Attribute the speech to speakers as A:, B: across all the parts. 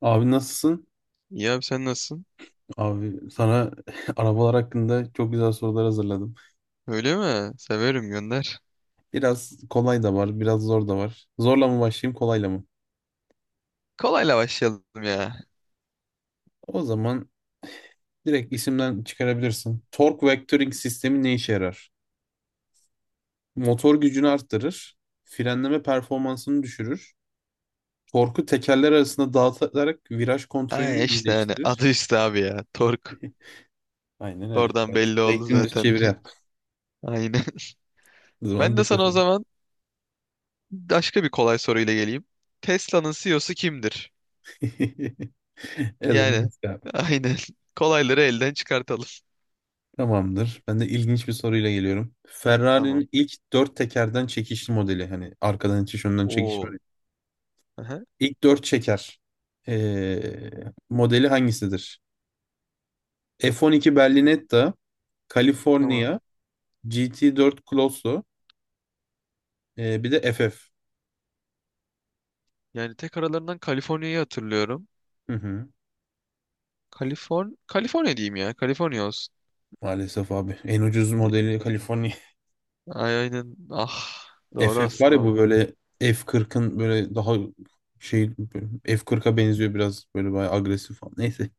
A: Abi nasılsın?
B: İyi abi sen nasılsın?
A: Abi sana arabalar hakkında çok güzel sorular hazırladım.
B: Öyle mi? Severim gönder.
A: Biraz kolay da var, biraz zor da var. Zorla mı başlayayım, kolayla mı?
B: Kolayla başlayalım ya.
A: O zaman direkt isimden çıkarabilirsin. Torque Vectoring sistemi ne işe yarar? Motor gücünü arttırır, frenleme performansını düşürür, torku tekerler arasında dağıtarak viraj kontrolünü
B: Ay işte hani
A: iyileştirir.
B: adı üstü abi ya. Tork.
A: Aynen öyle.
B: Oradan
A: Ben
B: belli oldu
A: direkt dümdüz
B: zaten
A: çeviri
B: direkt.
A: yap.
B: Aynen.
A: O zaman
B: Ben de
A: bir
B: sana o
A: sıfır.
B: zaman başka bir kolay soruyla geleyim. Tesla'nın CEO'su kimdir?
A: Elon
B: Yani
A: Musk.
B: aynen. Kolayları elden çıkartalım.
A: Tamamdır. Ben de ilginç bir soruyla geliyorum.
B: Tamam.
A: Ferrari'nin ilk dört tekerden çekişli modeli. Hani arkadan itiş, önden çekiş var
B: Oo.
A: ya.
B: Aha.
A: İlk dört çeker ee, modeli hangisidir? F12
B: Bin-
A: Berlinetta,
B: Tamam.
A: California, GT4 Colosso, bir de FF.
B: Yani tek aralarından Kaliforniya'yı hatırlıyorum.
A: Hı hı.
B: Kaliforniya diyeyim ya. Kaliforniya olsun.
A: Maalesef abi. En ucuz modeli California.
B: Ay, aynen. Ah. Doğru
A: FF var ya,
B: aslında.
A: bu böyle F40'ın böyle daha şey F40'a benziyor, biraz böyle bayağı agresif falan. Neyse.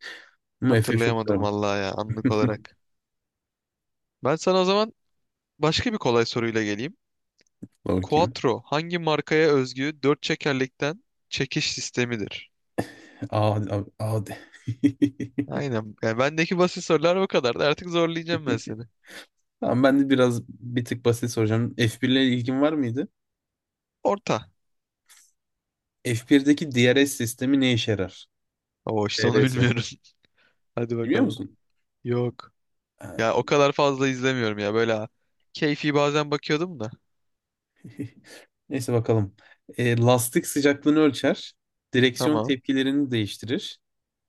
A: Ama FF çok güzel.
B: Hatırlayamadım vallahi ya anlık olarak. Ben sana o zaman başka bir kolay soruyla geleyim.
A: Bakayım.
B: Quattro hangi markaya özgü dört çekerlikten çekiş sistemidir?
A: Aa, A, A de.
B: Aynen. Yani bendeki basit sorular bu kadar. Artık zorlayacağım ben seni.
A: Tamam, ben de biraz bir tık basit soracağım. F1 ile ilgin var mıydı?
B: Orta.
A: F1'deki DRS sistemi ne işe yarar?
B: Oo işte onu
A: DRS.
B: bilmiyorum. Hadi
A: Biliyor
B: bakalım.
A: musun?
B: Yok. Ya
A: Ha.
B: o kadar fazla izlemiyorum ya böyle. Ha. Keyfi bazen bakıyordum da.
A: Neyse, bakalım. Lastik sıcaklığını ölçer. Direksiyon
B: Tamam.
A: tepkilerini değiştirir.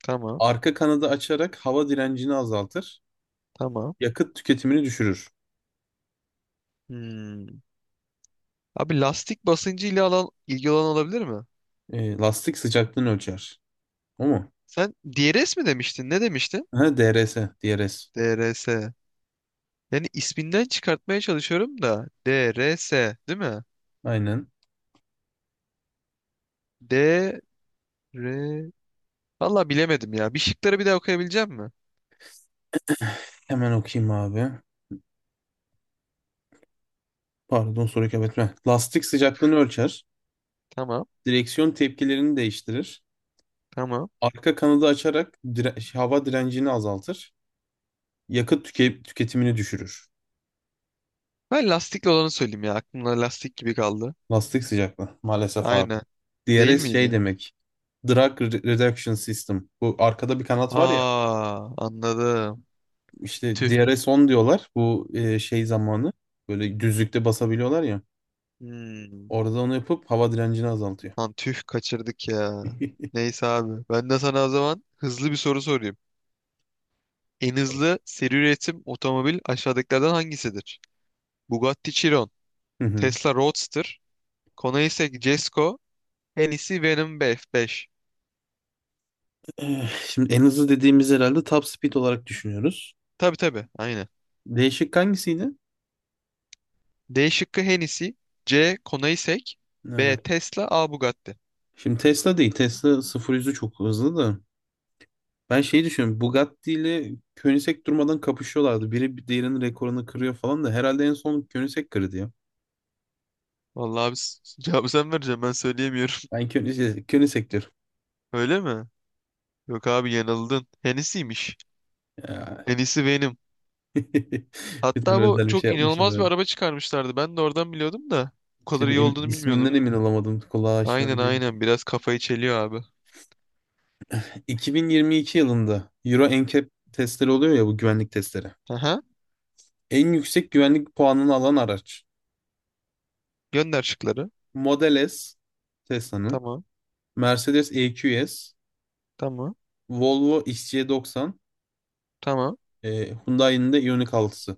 B: Tamam.
A: Arka kanadı açarak hava direncini azaltır.
B: Tamam.
A: Yakıt tüketimini düşürür.
B: Hmm. Abi lastik basıncı ile alan ilgili olan olabilir mi?
A: Lastik sıcaklığını ölçer. O mu?
B: Sen DRS mi demiştin? Ne demiştin?
A: Ha, DRS. DRS.
B: DRS. Yani isminden çıkartmaya çalışıyorum da. D, R, S, değil mi?
A: Aynen.
B: D, R... Valla bilemedim ya. Bir şıkları bir daha okuyabilecek mi?
A: Hemen okuyayım abi. Pardon, soruyu kaybetme. Lastik sıcaklığını ölçer.
B: Tamam,
A: Direksiyon tepkilerini değiştirir.
B: tamam.
A: Arka kanadı açarak hava direncini azaltır. Yakıt tüketimini düşürür.
B: Ben lastikli olanı söyleyeyim ya. Aklımda lastik gibi kaldı.
A: Lastik sıcaklığı, maalesef abi.
B: Aynen. Değil
A: DRS şey
B: miydi?
A: demek. Drag Reduction System. Bu arkada bir kanat var ya.
B: Aa, anladım.
A: İşte
B: Tüh.
A: DRS 10 diyorlar. Bu şey zamanı. Böyle düzlükte basabiliyorlar ya.
B: Hmm.
A: Orada onu yapıp hava direncini azaltıyor.
B: Lan tüh kaçırdık ya. Neyse abi. Ben de sana o zaman hızlı bir soru sorayım. En hızlı seri üretim otomobil aşağıdakilerden hangisidir? Bugatti Chiron,
A: Hı hı.
B: Tesla Roadster, Koenigsegg Jesko, Hennessy Venom 5.
A: Şimdi en hızlı dediğimiz herhalde top speed olarak düşünüyoruz.
B: Tabii tabii aynen.
A: Değişik hangisiydi?
B: D şıkkı Hennessy. C. Konaisek.
A: Ee,
B: B. Tesla. A. Bugatti.
A: Şimdi Tesla değil. Tesla 0-100'ü çok hızlı da. Ben şeyi düşünüyorum. Bugatti ile Koenigsegg durmadan kapışıyorlardı. Biri bir diğerinin rekorunu kırıyor falan da. Herhalde en son Koenigsegg kırdı ya.
B: Vallahi abi cevabı sen vereceksin ben söyleyemiyorum.
A: Ben Koenigsegg, Koenigsegg diyorum.
B: Öyle mi? Yok abi yanıldın. Hennessy'ymiş.
A: Ya.
B: Hennessy Venom.
A: Bir tane
B: Hatta bu
A: özel bir şey
B: çok
A: yapmışlar
B: inanılmaz bir
A: herhalde.
B: araba çıkarmışlardı. Ben de oradan biliyordum da. Bu kadar
A: İşte bir
B: iyi olduğunu bilmiyordum.
A: isminden emin olamadım. Kulağa
B: Aynen,
A: aşina değil.
B: aynen, biraz kafayı çeliyor abi.
A: 2022 yılında Euro NCAP testleri oluyor ya, bu güvenlik testleri.
B: Aha.
A: En yüksek güvenlik puanını alan araç.
B: Gönder şıkları.
A: Model S, Tesla'nın.
B: Tamam.
A: Mercedes EQS.
B: Tamam.
A: Volvo XC90.
B: Tamam.
A: Hyundai'nin de Ioniq 6'sı.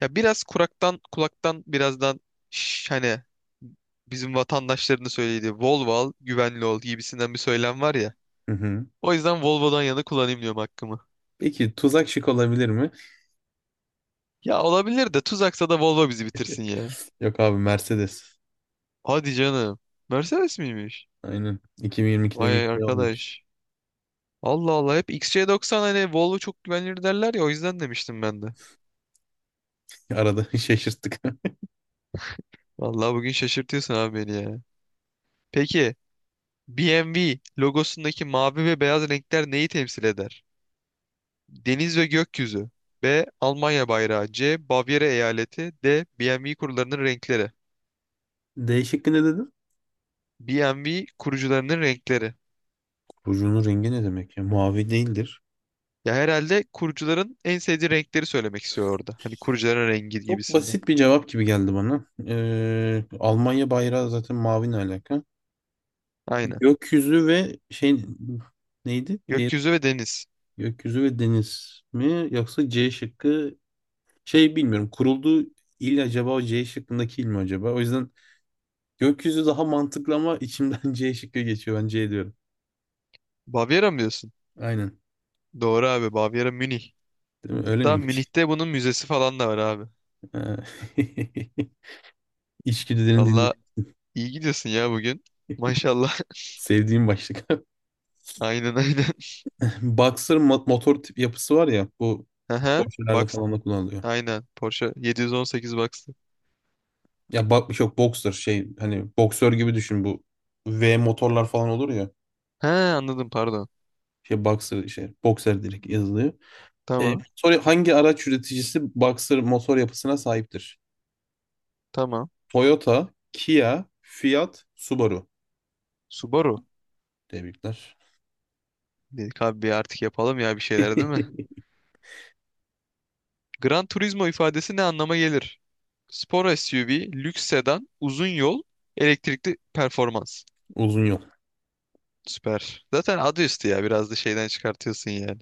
B: Ya biraz kulaktan birazdan hani bizim vatandaşlarını söylediği Volvo al, güvenli ol gibisinden bir söylem var ya.
A: Hı hı.
B: O yüzden Volvo'dan yana kullanayım diyorum hakkımı.
A: Peki tuzak şık olabilir mi?
B: Ya olabilir de tuzaksa da Volvo bizi bitirsin ya.
A: Yok abi, Mercedes.
B: Hadi canım. Mercedes miymiş?
A: Aynen. 2022'den
B: Vay
A: yüksek olmuş.
B: arkadaş. Allah Allah, hep XC90. Hani Volvo çok güvenilir derler ya, o yüzden demiştim ben de.
A: Arada şaşırttık.
B: Vallahi bugün şaşırtıyorsun abi beni ya. Peki BMW logosundaki mavi ve beyaz renkler neyi temsil eder? Deniz ve gökyüzü. B. Almanya bayrağı. C. Bavyera eyaleti. D. BMW kurularının renkleri.
A: D şıkkı ne dedin?
B: BMW kurucularının renkleri.
A: Kurucunun rengi ne demek ya? Mavi değildir.
B: Ya herhalde kurucuların en sevdiği renkleri söylemek istiyor orada. Hani kurucuların rengi
A: Çok
B: gibisinden.
A: basit bir cevap gibi geldi bana. Almanya bayrağı zaten mavi, ne alaka?
B: Aynen.
A: Gökyüzü ve şey, neydi? Diğer,
B: Gökyüzü ve deniz.
A: gökyüzü ve deniz mi? Yoksa C şıkkı, bilmiyorum. Kurulduğu il acaba, o C şıkkındaki il mi acaba? O yüzden gökyüzü daha mantıklı ama içimden C şıkkı geçiyor. Ben C diyorum.
B: Bavyera mı diyorsun?
A: Aynen.
B: Doğru abi. Bavyera Münih.
A: Değil mi? Öyle
B: Hatta
A: miymiş?
B: Münih'te bunun müzesi falan da var abi.
A: Ha. İçgüdülerini dinle.
B: Valla iyi gidiyorsun ya bugün. Maşallah.
A: Sevdiğim başlık.
B: Aynen, aynen.
A: Boxer motor tip yapısı var ya, bu
B: Aha.
A: boksörlerde
B: Box.
A: falan da kullanılıyor.
B: Aynen. Porsche 718 Box'tı.
A: Ya bak, yok boxer, hani boksör gibi düşün, bu V motorlar falan olur ya.
B: He anladım pardon.
A: Boxer, direkt yazılıyor. E,
B: Tamam.
A: motor, hangi araç üreticisi boxer motor yapısına sahiptir?
B: Tamam.
A: Toyota, Kia, Fiat, Subaru.
B: Subaru.
A: Tebrikler.
B: Dedik abi bir artık yapalım ya bir şeyler, değil mi? Gran Turismo ifadesi ne anlama gelir? Spor SUV, lüks sedan, uzun yol, elektrikli performans.
A: Uzun yol.
B: Süper. Zaten adı üstü ya. Biraz da şeyden çıkartıyorsun yani.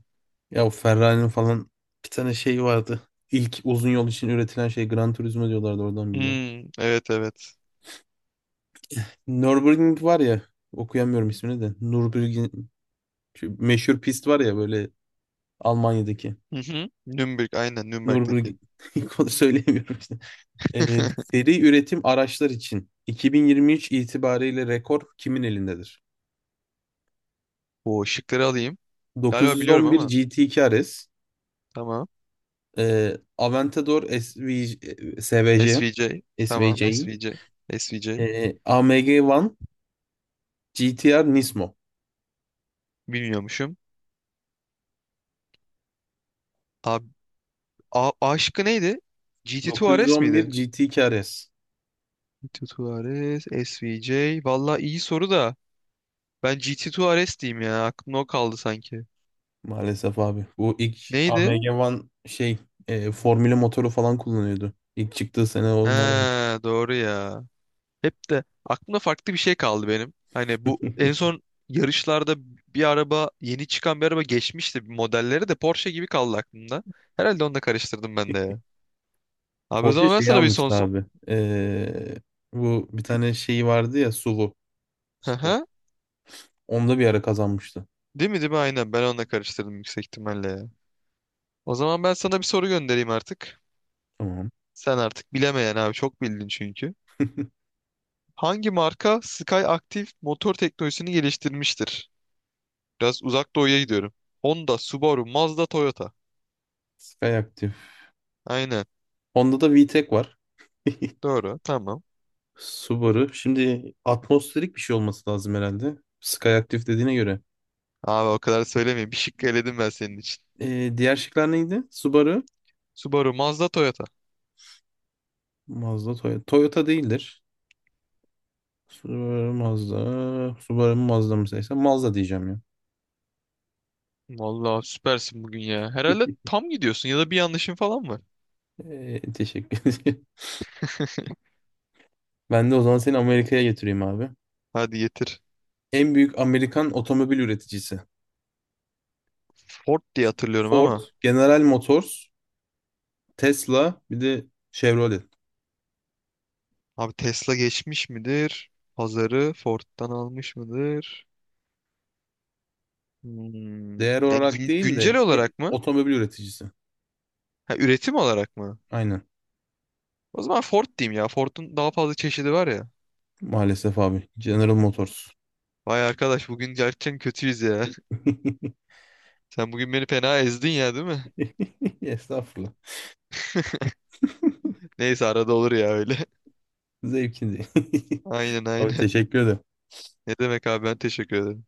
A: Ya, o Ferrari'nin falan bir tane şey vardı. İlk uzun yol için üretilen şey Gran Turismo diyorlardı, oradan biliyorum.
B: Hmm, evet, evet.
A: Nürburgring var ya, okuyamıyorum ismini de. Nürburgring, şu meşhur pist var ya böyle, Almanya'daki.
B: Hı hı. Nürnberg aynen, Nürnberg'deki.
A: Nürburgring, onu söyleyemiyorum işte. Ee, seri üretim araçlar için 2023 itibariyle rekor kimin elindedir?
B: O şıkları alayım. Galiba biliyorum
A: 911
B: ama.
A: GT2 RS,
B: Tamam.
A: Aventador SV, SVJ,
B: SVJ. Tamam
A: SVJ,
B: SVJ. SVJ.
A: AMG One GTR Nismo.
B: Bilmiyormuşum. Abi, A şıkkı neydi? GT2 RS
A: 911
B: miydi?
A: GT KRS.
B: GT Tuares, SVJ. Valla iyi soru da. Ben GT Tuares diyeyim ya. Aklımda o kaldı sanki.
A: Maalesef abi. Bu ilk
B: Neydi?
A: AMG One formülü motoru falan kullanıyordu. İlk çıktığı sene
B: He,
A: onlar.
B: doğru ya. Hep de aklımda farklı bir şey kaldı benim. Hani bu en son yarışlarda bir araba, yeni çıkan bir araba geçmişti. Modelleri de Porsche gibi kaldı aklımda. Herhalde onu da karıştırdım ben de ya. Abi o
A: Porsche
B: zaman ben
A: şeyi
B: sana bir son...
A: almıştı abi. Bu bir tane şeyi vardı ya, SUV
B: Hı
A: Sport.
B: hı.
A: Onda bir ara kazanmıştı.
B: Değil mi, değil mi? Aynen ben onu da karıştırdım yüksek ihtimalle ya. O zaman ben sana bir soru göndereyim artık.
A: Tamam.
B: Sen artık bilemeyen abi, çok bildin çünkü. Hangi marka Sky Active motor teknolojisini geliştirmiştir? Biraz uzak doğuya gidiyorum. Honda, Subaru, Mazda, Toyota.
A: Skyactiv.
B: Aynen.
A: Onda da VTEC var.
B: Doğru. Tamam.
A: Subaru. Şimdi atmosferik bir şey olması lazım herhalde, Skyactiv dediğine göre.
B: Abi o kadar söylemeyeyim. Bir şıkkı eledim ben senin için.
A: Diğer şıklar neydi? Subaru.
B: Subaru, Mazda, Toyota.
A: Mazda, Toyota. Toyota değildir. Subaru, Mazda. Subaru mu, Mazda mı seçsem? Mazda diyeceğim ya.
B: Vallahi süpersin bugün ya. Herhalde tam gidiyorsun ya da bir yanlışın falan var.
A: Teşekkür ederim. Ben de o zaman seni Amerika'ya getireyim abi.
B: Hadi getir.
A: En büyük Amerikan otomobil üreticisi.
B: Ford diye hatırlıyorum
A: Ford,
B: ama.
A: General Motors, Tesla, bir de Chevrolet.
B: Abi Tesla geçmiş midir? Pazarı Ford'dan almış mıdır? Hmm.
A: Değer
B: Ya
A: olarak değil
B: güncel
A: de
B: olarak mı?
A: otomobil üreticisi.
B: Ha, üretim olarak mı?
A: Aynen.
B: O zaman Ford diyeyim ya. Ford'un daha fazla çeşidi var ya.
A: Maalesef abi. General Motors.
B: Vay arkadaş bugün gerçekten kötüyüz ya. Sen bugün beni fena ezdin ya, değil mi?
A: Estağfurullah.
B: Neyse arada olur ya öyle.
A: Zevkindi.
B: Aynen,
A: Abi
B: aynen.
A: teşekkür ederim.
B: Ne demek abi, ben teşekkür ederim.